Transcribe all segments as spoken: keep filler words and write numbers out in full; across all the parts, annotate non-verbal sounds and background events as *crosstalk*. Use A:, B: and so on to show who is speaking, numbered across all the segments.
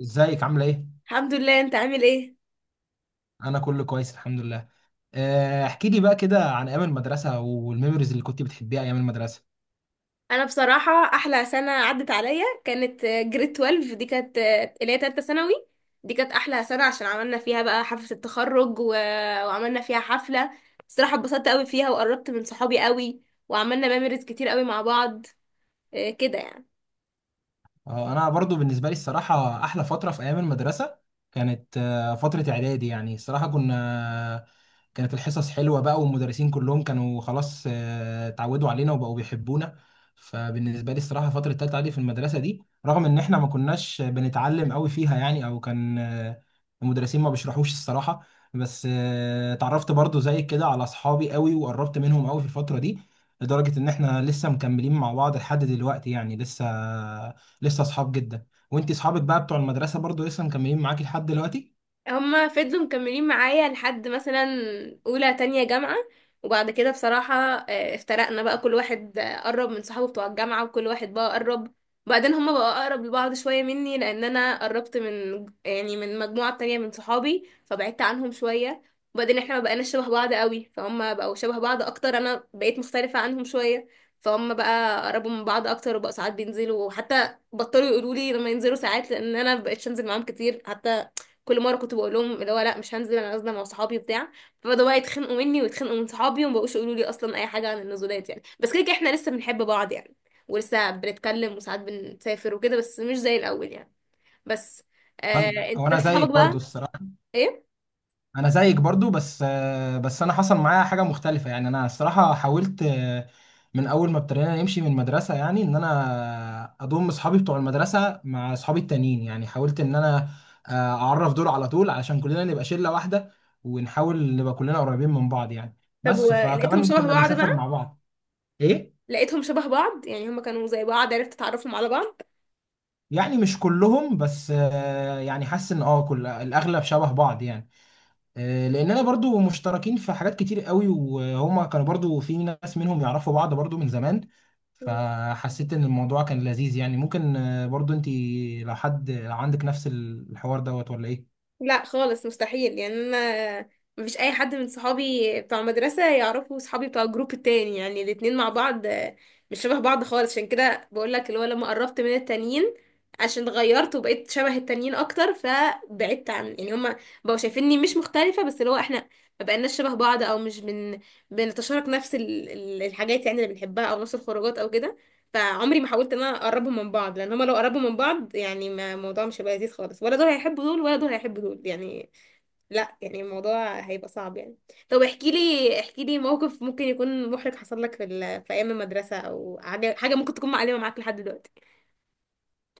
A: ازيك عامله ايه؟
B: الحمد لله، انت عامل ايه؟
A: انا كله كويس، الحمد لله. آه، احكي لي بقى كده عن ايام المدرسه والميموريز اللي كنت بتحبيها ايام المدرسه.
B: انا بصراحه احلى سنه عدت عليا كانت جريد اتناشر. دي كانت اللي هي تالتة ثانوي. دي كانت احلى سنه عشان عملنا فيها بقى حفله التخرج و... وعملنا فيها حفله. الصراحه اتبسطت قوي فيها وقربت من صحابي قوي، وعملنا ميموريز كتير قوي مع بعض. اه، كده يعني
A: اه، انا برضو بالنسبه لي الصراحه احلى فتره في ايام المدرسه كانت آه، فتره اعدادي، يعني الصراحه كنا آه، كانت الحصص حلوه بقى والمدرسين كلهم كانوا خلاص آه، اتعودوا علينا وبقوا بيحبونا. فبالنسبه لي الصراحه فتره تالتة اعدادي في المدرسه دي، رغم ان احنا ما كناش بنتعلم قوي فيها يعني، او كان آه، المدرسين ما بيشرحوش الصراحه، بس آه، اتعرفت برضو زي كده على اصحابي قوي وقربت منهم قوي في الفتره دي، لدرجه ان احنا لسه مكملين مع بعض لحد دلوقتي، يعني لسه لسه اصحاب جدا. وانت اصحابك بقى بتوع المدرسه برضو لسه مكملين معاكي لحد دلوقتي؟
B: هما فضلوا مكملين معايا لحد مثلا اولى تانية جامعة. وبعد كده بصراحة آه، افترقنا بقى، كل واحد آه، قرب من صحابه بتوع الجامعة، وكل واحد بقى قرب. وبعدين هما بقى اقرب لبعض شوية مني، لان انا قربت من يعني من مجموعة تانية من صحابي، فبعدت عنهم شوية. وبعدين احنا ما بقيناش شبه بعض قوي، فهم بقوا شبه بعض اكتر، انا بقيت مختلفة عنهم شوية. فهم بقى قربوا من بعض اكتر وبقوا ساعات بينزلوا، وحتى بطلوا يقولوا لي لما ينزلوا ساعات لان انا مبقتش انزل معاهم كتير. حتى كل مره كنت بقول لهم اللي هو لا، مش هنزل، انا نازله مع صحابي بتاع. فبداوا بقى يتخانقوا مني ويتخانقوا من صحابي، وما بقوش يقولوا لي اصلا اي حاجه عن النزولات يعني، بس كده كده احنا لسه بنحب بعض يعني. ولسه بنتكلم وساعات بنسافر وكده، بس مش زي الاول يعني. بس آه
A: انا او
B: انت
A: انا
B: صحابك
A: زيك برضو
B: بقى؟
A: الصراحه،
B: ايه؟
A: انا زيك برضو، بس آه، بس انا حصل معايا حاجه مختلفه، يعني انا الصراحه حاولت آه، من اول ما ابتدينا نمشي من المدرسه، يعني ان انا اضم اصحابي بتوع المدرسه مع اصحابي التانيين، يعني حاولت ان انا آه، اعرف دول على طول علشان كلنا نبقى شله واحده، ونحاول نبقى كلنا قريبين من بعض يعني.
B: طب
A: بس
B: ولقيتهم
A: فكمان
B: شبه
A: كنا
B: بعض
A: بنسافر
B: بقى؟
A: مع بعض. ايه.
B: لقيتهم شبه بعض، يعني هما كانوا زي بعض، عرفت تعرفهم على بعض؟
A: يعني مش كلهم بس آه، يعني حاسس ان اه كل الاغلب شبه بعض يعني. آه، لاننا برضو مشتركين في حاجات كتير قوي، وهما كانوا برضو في ناس منهم يعرفوا بعض برضو من زمان. فحسيت ان الموضوع كان لذيذ يعني. ممكن آه، برضو انت، لو حد لو عندك نفس الحوار دوت ولا ايه؟
B: لا خالص، مستحيل يعني. انا مفيش اي حد من صحابي بتوع مدرسة يعرفوا صحابي بتوع الجروب التاني، يعني الاتنين مع بعض آه، مش شبه بعض خالص. عشان كده بقول لك اللي هو لما قربت من التانيين، عشان اتغيرت وبقيت شبه التانيين اكتر، فبعدت عن يعني هما بقوا شايفيني مش مختلفة، بس اللي هو احنا ما بقيناش شبه بعض او مش بن بنتشارك نفس ال- ال- الحاجات يعني، اللي بنحبها او نفس الخروجات او كده. فعمري ما حاولت ان انا اقربهم من بعض، لان هما لو قربوا من بعض يعني ما الموضوع مش هيبقى لذيذ خالص، ولا دول هيحبوا دول ولا دول هيحبوا دول يعني. لا يعني الموضوع هيبقى صعب يعني. طب احكي لي احكي لي موقف ممكن يكون محرج حصل لك في ال... في ايام المدرسه، او حاجه حاجه ممكن تكون معلمه معاك لحد دلوقتي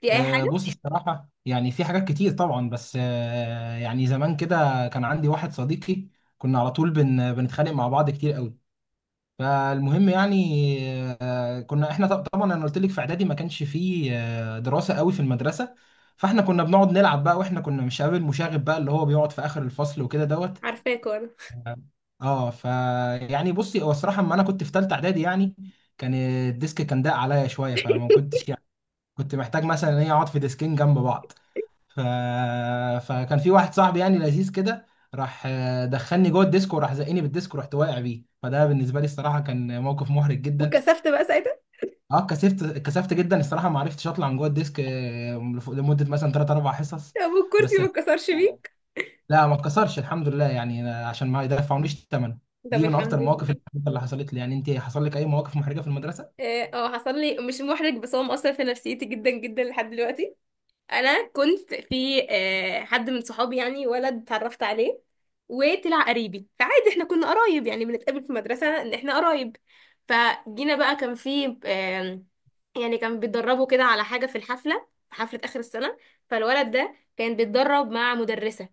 B: في اي
A: آه،
B: حاجه.
A: بص الصراحة يعني في حاجات كتير طبعا، بس آه، يعني زمان كده كان عندي واحد صديقي، كنا على طول بن بنتخانق مع بعض كتير قوي. فالمهم يعني آه، كنا احنا ط- طبعا انا قلت لك في اعدادي ما كانش فيه آه، دراسه قوي في المدرسه، فاحنا كنا بنقعد نلعب بقى، واحنا كنا مش قابل مشاغب بقى، اللي هو بيقعد في اخر الفصل وكده دوت.
B: عارفاك وانا.
A: اه ف يعني بصي، هو الصراحه اما انا كنت في ثالثه اعدادي يعني، كان الديسك كان ضاق عليا شويه، فما كنتش يعني، كنت محتاج مثلا ان انا اقعد في ديسكين جنب بعض. ف... فكان في واحد صاحبي يعني لذيذ كده، راح آه، دخلني جوه الديسك وراح زقني بالديسك، ورحت واقع بيه. فده بالنسبه لي الصراحه كان موقف محرج جدا.
B: وكسفت بقى ساعتها.
A: اه، كسفت، كسفت جدا الصراحه، ما عرفتش اطلع من جوه الديسك آه، لف- لمده مثلا ثلاث اربعة حصص.
B: طب والكرسي
A: بس.
B: ما اتكسرش بيك؟
A: لا، ما اتكسرش الحمد لله يعني، أنا- عشان ما يدفعونيش الثمن.
B: طب
A: دي من اكتر
B: الحمد
A: المواقف
B: لله.
A: المحرجة اللي حصلت لي يعني. انت حصل لك اي مواقف محرجه في المدرسه؟
B: اه، آه، حصل لي، مش محرج بس هو مؤثر في نفسيتي جدا جدا لحد دلوقتي. انا كنت في آه، حد من صحابي يعني، ولد اتعرفت عليه وطلع قريبي، فعادي احنا كنا قرايب يعني، بنتقابل في مدرسة ان احنا قرايب. فجينا بقى، كان في آم، يعني كان بيتدربوا كده على حاجة في الحفلة، في حفلة آخر السنة. فالولد ده كان بيتدرب مع مدرسة،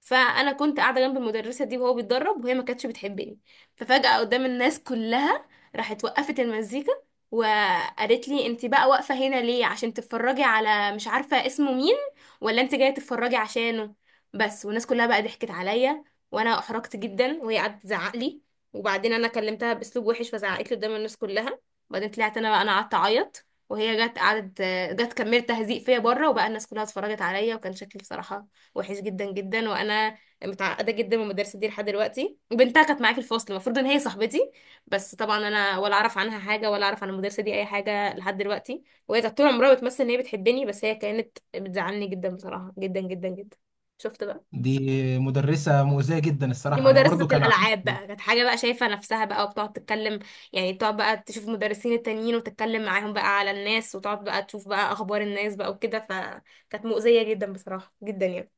B: فأنا كنت قاعدة جنب المدرسة دي وهو بيتدرب، وهي ما كانتش بتحبني. ففجأة قدام الناس كلها راحت وقفت المزيكا وقالت لي: انت بقى واقفة هنا ليه؟ عشان تتفرجي على مش عارفة اسمه مين، ولا انت جاية تتفرجي عشانه؟ بس. والناس كلها بقى ضحكت عليا، وانا احرجت جدا، وهي قعدت تزعق لي. وبعدين انا كلمتها باسلوب وحش، فزعقت لي قدام الناس كلها. وبعدين طلعت انا بقى، انا قعدت اعيط، وهي جت قعدت جت كملت تهزيق فيا بره، وبقى الناس كلها اتفرجت عليا، وكان شكلي بصراحة وحش جدا جدا. وانا متعقدة جدا من المدرسة دي لحد دلوقتي، وبنتها كانت معايا في الفصل، المفروض ان هي صاحبتي، بس طبعا انا ولا اعرف عنها حاجه ولا اعرف عن المدرسه دي اي حاجه لحد دلوقتي. وهي كانت طول عمرها بتمثل ان هي بتحبني، بس هي كانت بتزعلني جدا بصراحه جدا جدا جدا. شفت بقى؟
A: دي مدرسه مؤذيه جدا
B: دي
A: الصراحه. انا
B: مدرسه
A: برضو
B: بتاعت
A: كان
B: الالعاب
A: عندي،
B: بقى، كانت حاجه بقى شايفه نفسها بقى، وبتقعد تتكلم يعني، تقعد بقى تشوف المدرسين التانيين وتتكلم معاهم بقى على الناس، وتقعد بقى تشوف بقى اخبار الناس بقى وكده، فكانت مؤذيه جدا بصراحه جدا يعني.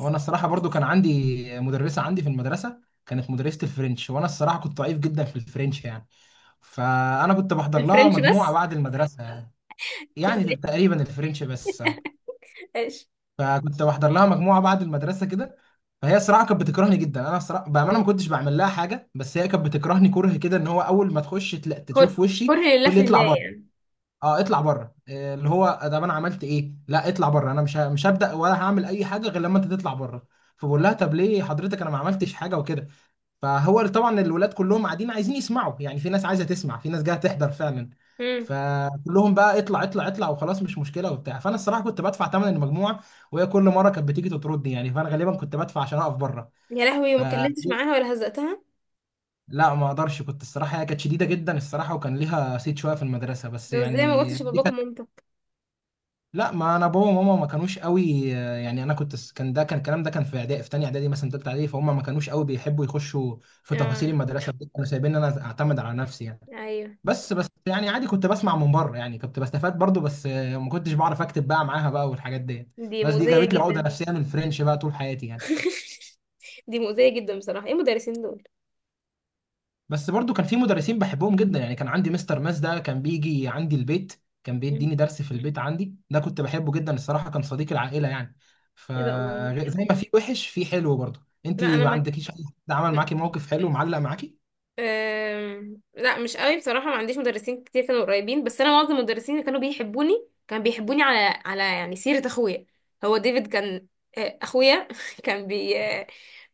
A: هو انا الصراحه برضو كان عندي مدرسه عندي في المدرسه، كانت مدرسه الفرنش، وانا الصراحه كنت ضعيف جدا في الفرنش يعني، فانا كنت بحضر لها
B: الفرنش
A: مجموعه
B: بس.
A: بعد المدرسه يعني.
B: كنت
A: يعني
B: بقيت.
A: تقريبا الفرنش بس أهو.
B: ايش؟
A: فكنت بحضر لها مجموعه بعد المدرسه كده. فهي الصراحه كانت بتكرهني جدا. انا الصراحه بامانه ما كنتش بعمل لها حاجه، بس هي كانت بتكرهني كره كده، ان هو اول ما تخش تلا-
B: كره؟
A: تشوف وشي
B: لله
A: تقول لي
B: في لله
A: اطلع بره.
B: يعني.
A: اه، اطلع بره، إيه اللي هو ده؟ انا عملت ايه؟ لا اطلع بره، انا مش ه- مش هبدا ولا هعمل اي حاجه غير لما انت تطلع بره. فبقول لها، طب ليه حضرتك؟ انا ما عملتش حاجه وكده. فهو طبعا الولاد كلهم قاعدين عايزين يسمعوا، يعني في ناس عايزه تسمع، في ناس جايه تحضر فعلا.
B: امم.
A: فكلهم بقى، اطلع اطلع اطلع وخلاص مش مشكله وبتاع. فانا الصراحه كنت بدفع ثمن المجموعه، وهي كل مره كانت بتيجي تطردني يعني، فانا غالبا كنت بدفع عشان اقف بره.
B: يا لهوي،
A: ف
B: وما اتكلمتش معاها
A: *laughs*
B: ولا هزقتها؟
A: لا، ما اقدرش، كنت الصراحه، هي كانت شديده جدا الصراحه، وكان ليها صيت شويه في المدرسه، بس
B: لو زي ما
A: يعني
B: قلتش
A: دي
B: لباباك
A: كانت.
B: ومامتك.
A: لا، ما انا بابا وماما ما كانوش قوي آه، يعني انا كنت س- كان ده، كان الكلام ده كان في اعدادي، في تانية اعدادي مثلا تالتة اعدادي، فهم ما كانوش قوي بيحبوا يخشوا في
B: اه.
A: تفاصيل المدرسه دي، كانوا سايبين انا اعتمد على نفسي يعني.
B: ايوه.
A: بس بس يعني عادي، كنت بسمع من بره يعني، كنت بستفاد برضو، بس آه، ما كنتش بعرف اكتب بقى معاها بقى والحاجات دي.
B: دي
A: بس دي
B: مؤذية
A: جابت لي عقده
B: جدا.
A: نفسيه من الفرنش بقى طول حياتي يعني.
B: *laughs* دي مؤذية جدا بصراحة، ايه المدرسين دول؟
A: بس برضو كان في مدرسين بحبهم جدا يعني، كان عندي مستر ماس ده كان بيجي عندي البيت، كان
B: مم.
A: بيديني درس في البيت عندي، ده كنت بحبه جدا الصراحة، كان صديق العائلة يعني.
B: ايه ده، الله!
A: فزي ما في وحش في حلو برضو. انت
B: لا انا
A: ما
B: ما
A: عندكيش حد عمل معاكي موقف حلو معلق معاكي؟
B: أم... لا، مش قوي بصراحة، ما عنديش مدرسين كتير كانوا قريبين، بس انا معظم المدرسين اللي كانوا بيحبوني كان بيحبوني على على يعني سيرة اخويا. هو ديفيد، كان آه، اخويا *laughs* كان بي آه،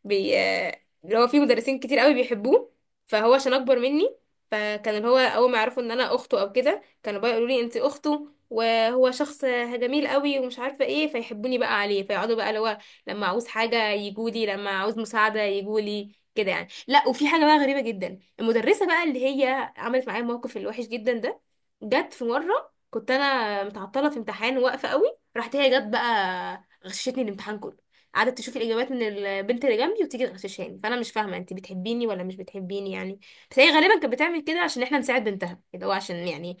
B: بي آه، اللي هو في مدرسين كتير قوي بيحبوه، فهو عشان اكبر مني، فكان اللي هو اول ما يعرفوا ان انا اخته او كده، كانوا بقى يقولوا لي انت اخته، وهو شخص آه، جميل قوي ومش عارفه ايه، فيحبوني بقى عليه، فيقعدوا بقى اللي هو لما عاوز حاجه يجولي، لما عاوز مساعده يجولي كده يعني. لا، وفي حاجه بقى غريبه جدا، المدرسة بقى اللي هي عملت معايا الموقف الوحش جدا ده، جت في مرة كنت أنا متعطلة في امتحان واقفة قوي، راحت هي جت بقى غششتني الامتحان كله، قعدت تشوف الإجابات من البنت اللي جنبي وتيجي تغششاني، فأنا مش فاهمة أنت بتحبيني ولا مش بتحبيني يعني. بس هي غالبا كانت بتعمل كده عشان إحنا نساعد بنتها، اللي هو عشان يعني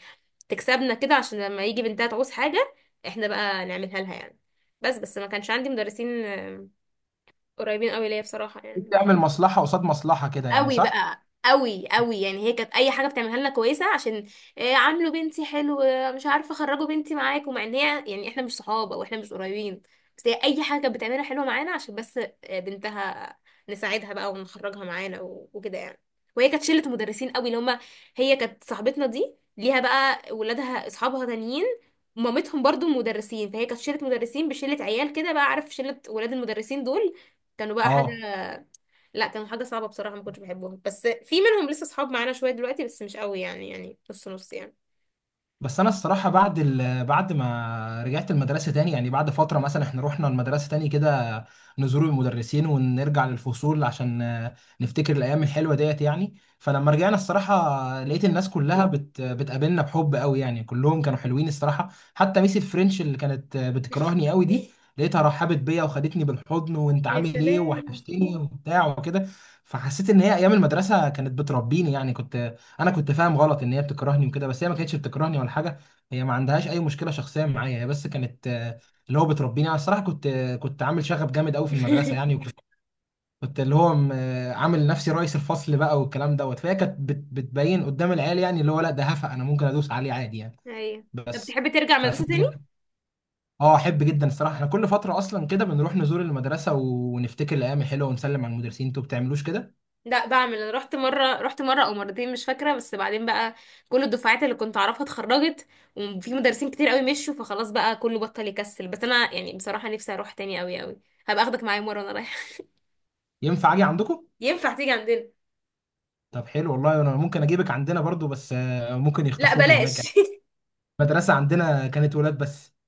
B: تكسبنا كده، عشان لما يجي بنتها تعوز حاجة إحنا بقى نعملها لها يعني. بس بس ما كانش عندي مدرسين آه، قريبين قوي ليا بصراحة يعني.
A: بتعمل مصلحة قصاد مصلحة كده يعني،
B: قوي
A: صح؟
B: بقى، قوي قوي يعني، هي كانت اي حاجه بتعملها لنا كويسه عشان إيه، عاملوا بنتي حلو، آه، مش عارفه، خرجوا بنتي معاكم، مع ان هي يعني احنا مش صحاب او احنا مش قريبين، بس هي اي حاجه كانت بتعملها حلوه معانا عشان بس آه، بنتها، نساعدها بقى ونخرجها معانا و- وكده يعني. وهي كانت شله مدرسين قوي، اللي هم هي كانت صاحبتنا دي ليها بقى ولادها اصحابها تانيين، مامتهم برضو مدرسين، فهي كانت شله مدرسين بشله عيال كده بقى، عارف، شله ولاد المدرسين دول كانوا بقى حاجه.
A: اه.
B: لا، كانوا حاجة صعبة بصراحة، ما كنتش بحبهم، بس في منهم لسه صحاب معانا شوية دلوقتي، بس مش قوي يعني، يعني نص نص يعني.
A: بس انا الصراحه بعد ال... بعد ما رجعت المدرسه تاني، يعني بعد فتره مثلا، احنا رحنا المدرسه تاني كده نزور المدرسين ونرجع للفصول عشان آه، نفتكر الايام الحلوه ديت يعني. فلما رجعنا الصراحه لقيت الناس كلها بت... بتقابلنا بحب قوي يعني، كلهم كانوا حلوين الصراحه، حتى ميس الفرنش اللي كانت آه، بتكرهني
B: *laughs*
A: قوي دي، لقيتها رحبت بيا وخدتني بالحضن، وانت
B: يا
A: عامل ايه،
B: سلام.
A: وحشتني، وبتاع وكده. فحسيت ان هي ايام المدرسه كانت بتربيني يعني. كنت انا كنت فاهم غلط ان هي بتكرهني وكده، بس هي ما كانتش بتكرهني ولا حاجه، هي ما عندهاش اي مشكله شخصيه معايا، هي بس كانت آه، اللي هو بتربيني. انا الصراحه كنت آه، كنت عامل شغب جامد قوي في المدرسه يعني،
B: *laughs*
A: وكنت كنت اللي هو م- آه، عامل نفسي رئيس الفصل بقى، والكلام دوت، فهي كانت بت- بتبين قدام العيال يعني، اللي هو لا ده هفا انا ممكن ادوس عليه عادي يعني.
B: ايوه. طب
A: بس.
B: تحب ترجع مدرسة
A: ففكرة
B: تاني؟
A: اه، احب جدا الصراحه، احنا كل فتره اصلا كده بنروح نزور المدرسه ونفتكر الايام الحلوه ونسلم على المدرسين. انتوا بتعملوش كده؟
B: لا بعمل، أنا رحت مرة، رحت مرة او مرتين مش فاكرة، بس بعدين بقى كل الدفعات اللي كنت اعرفها اتخرجت، وفي مدرسين كتير قوي مشوا، فخلاص بقى كله بطل يكسل، بس انا يعني بصراحة نفسي اروح تاني قوي قوي. هبقى اخدك معايا مرة وانا رايحة.
A: ينفع اجي عندكم؟
B: *laughs* ينفع تيجي عندنا؟
A: طب حلو والله، انا ممكن اجيبك عندنا برضو، بس آه، ممكن
B: لا
A: يخطفوك هناك يعني،
B: بلاش. *laughs*
A: المدرسه عندنا كانت ولاد بس.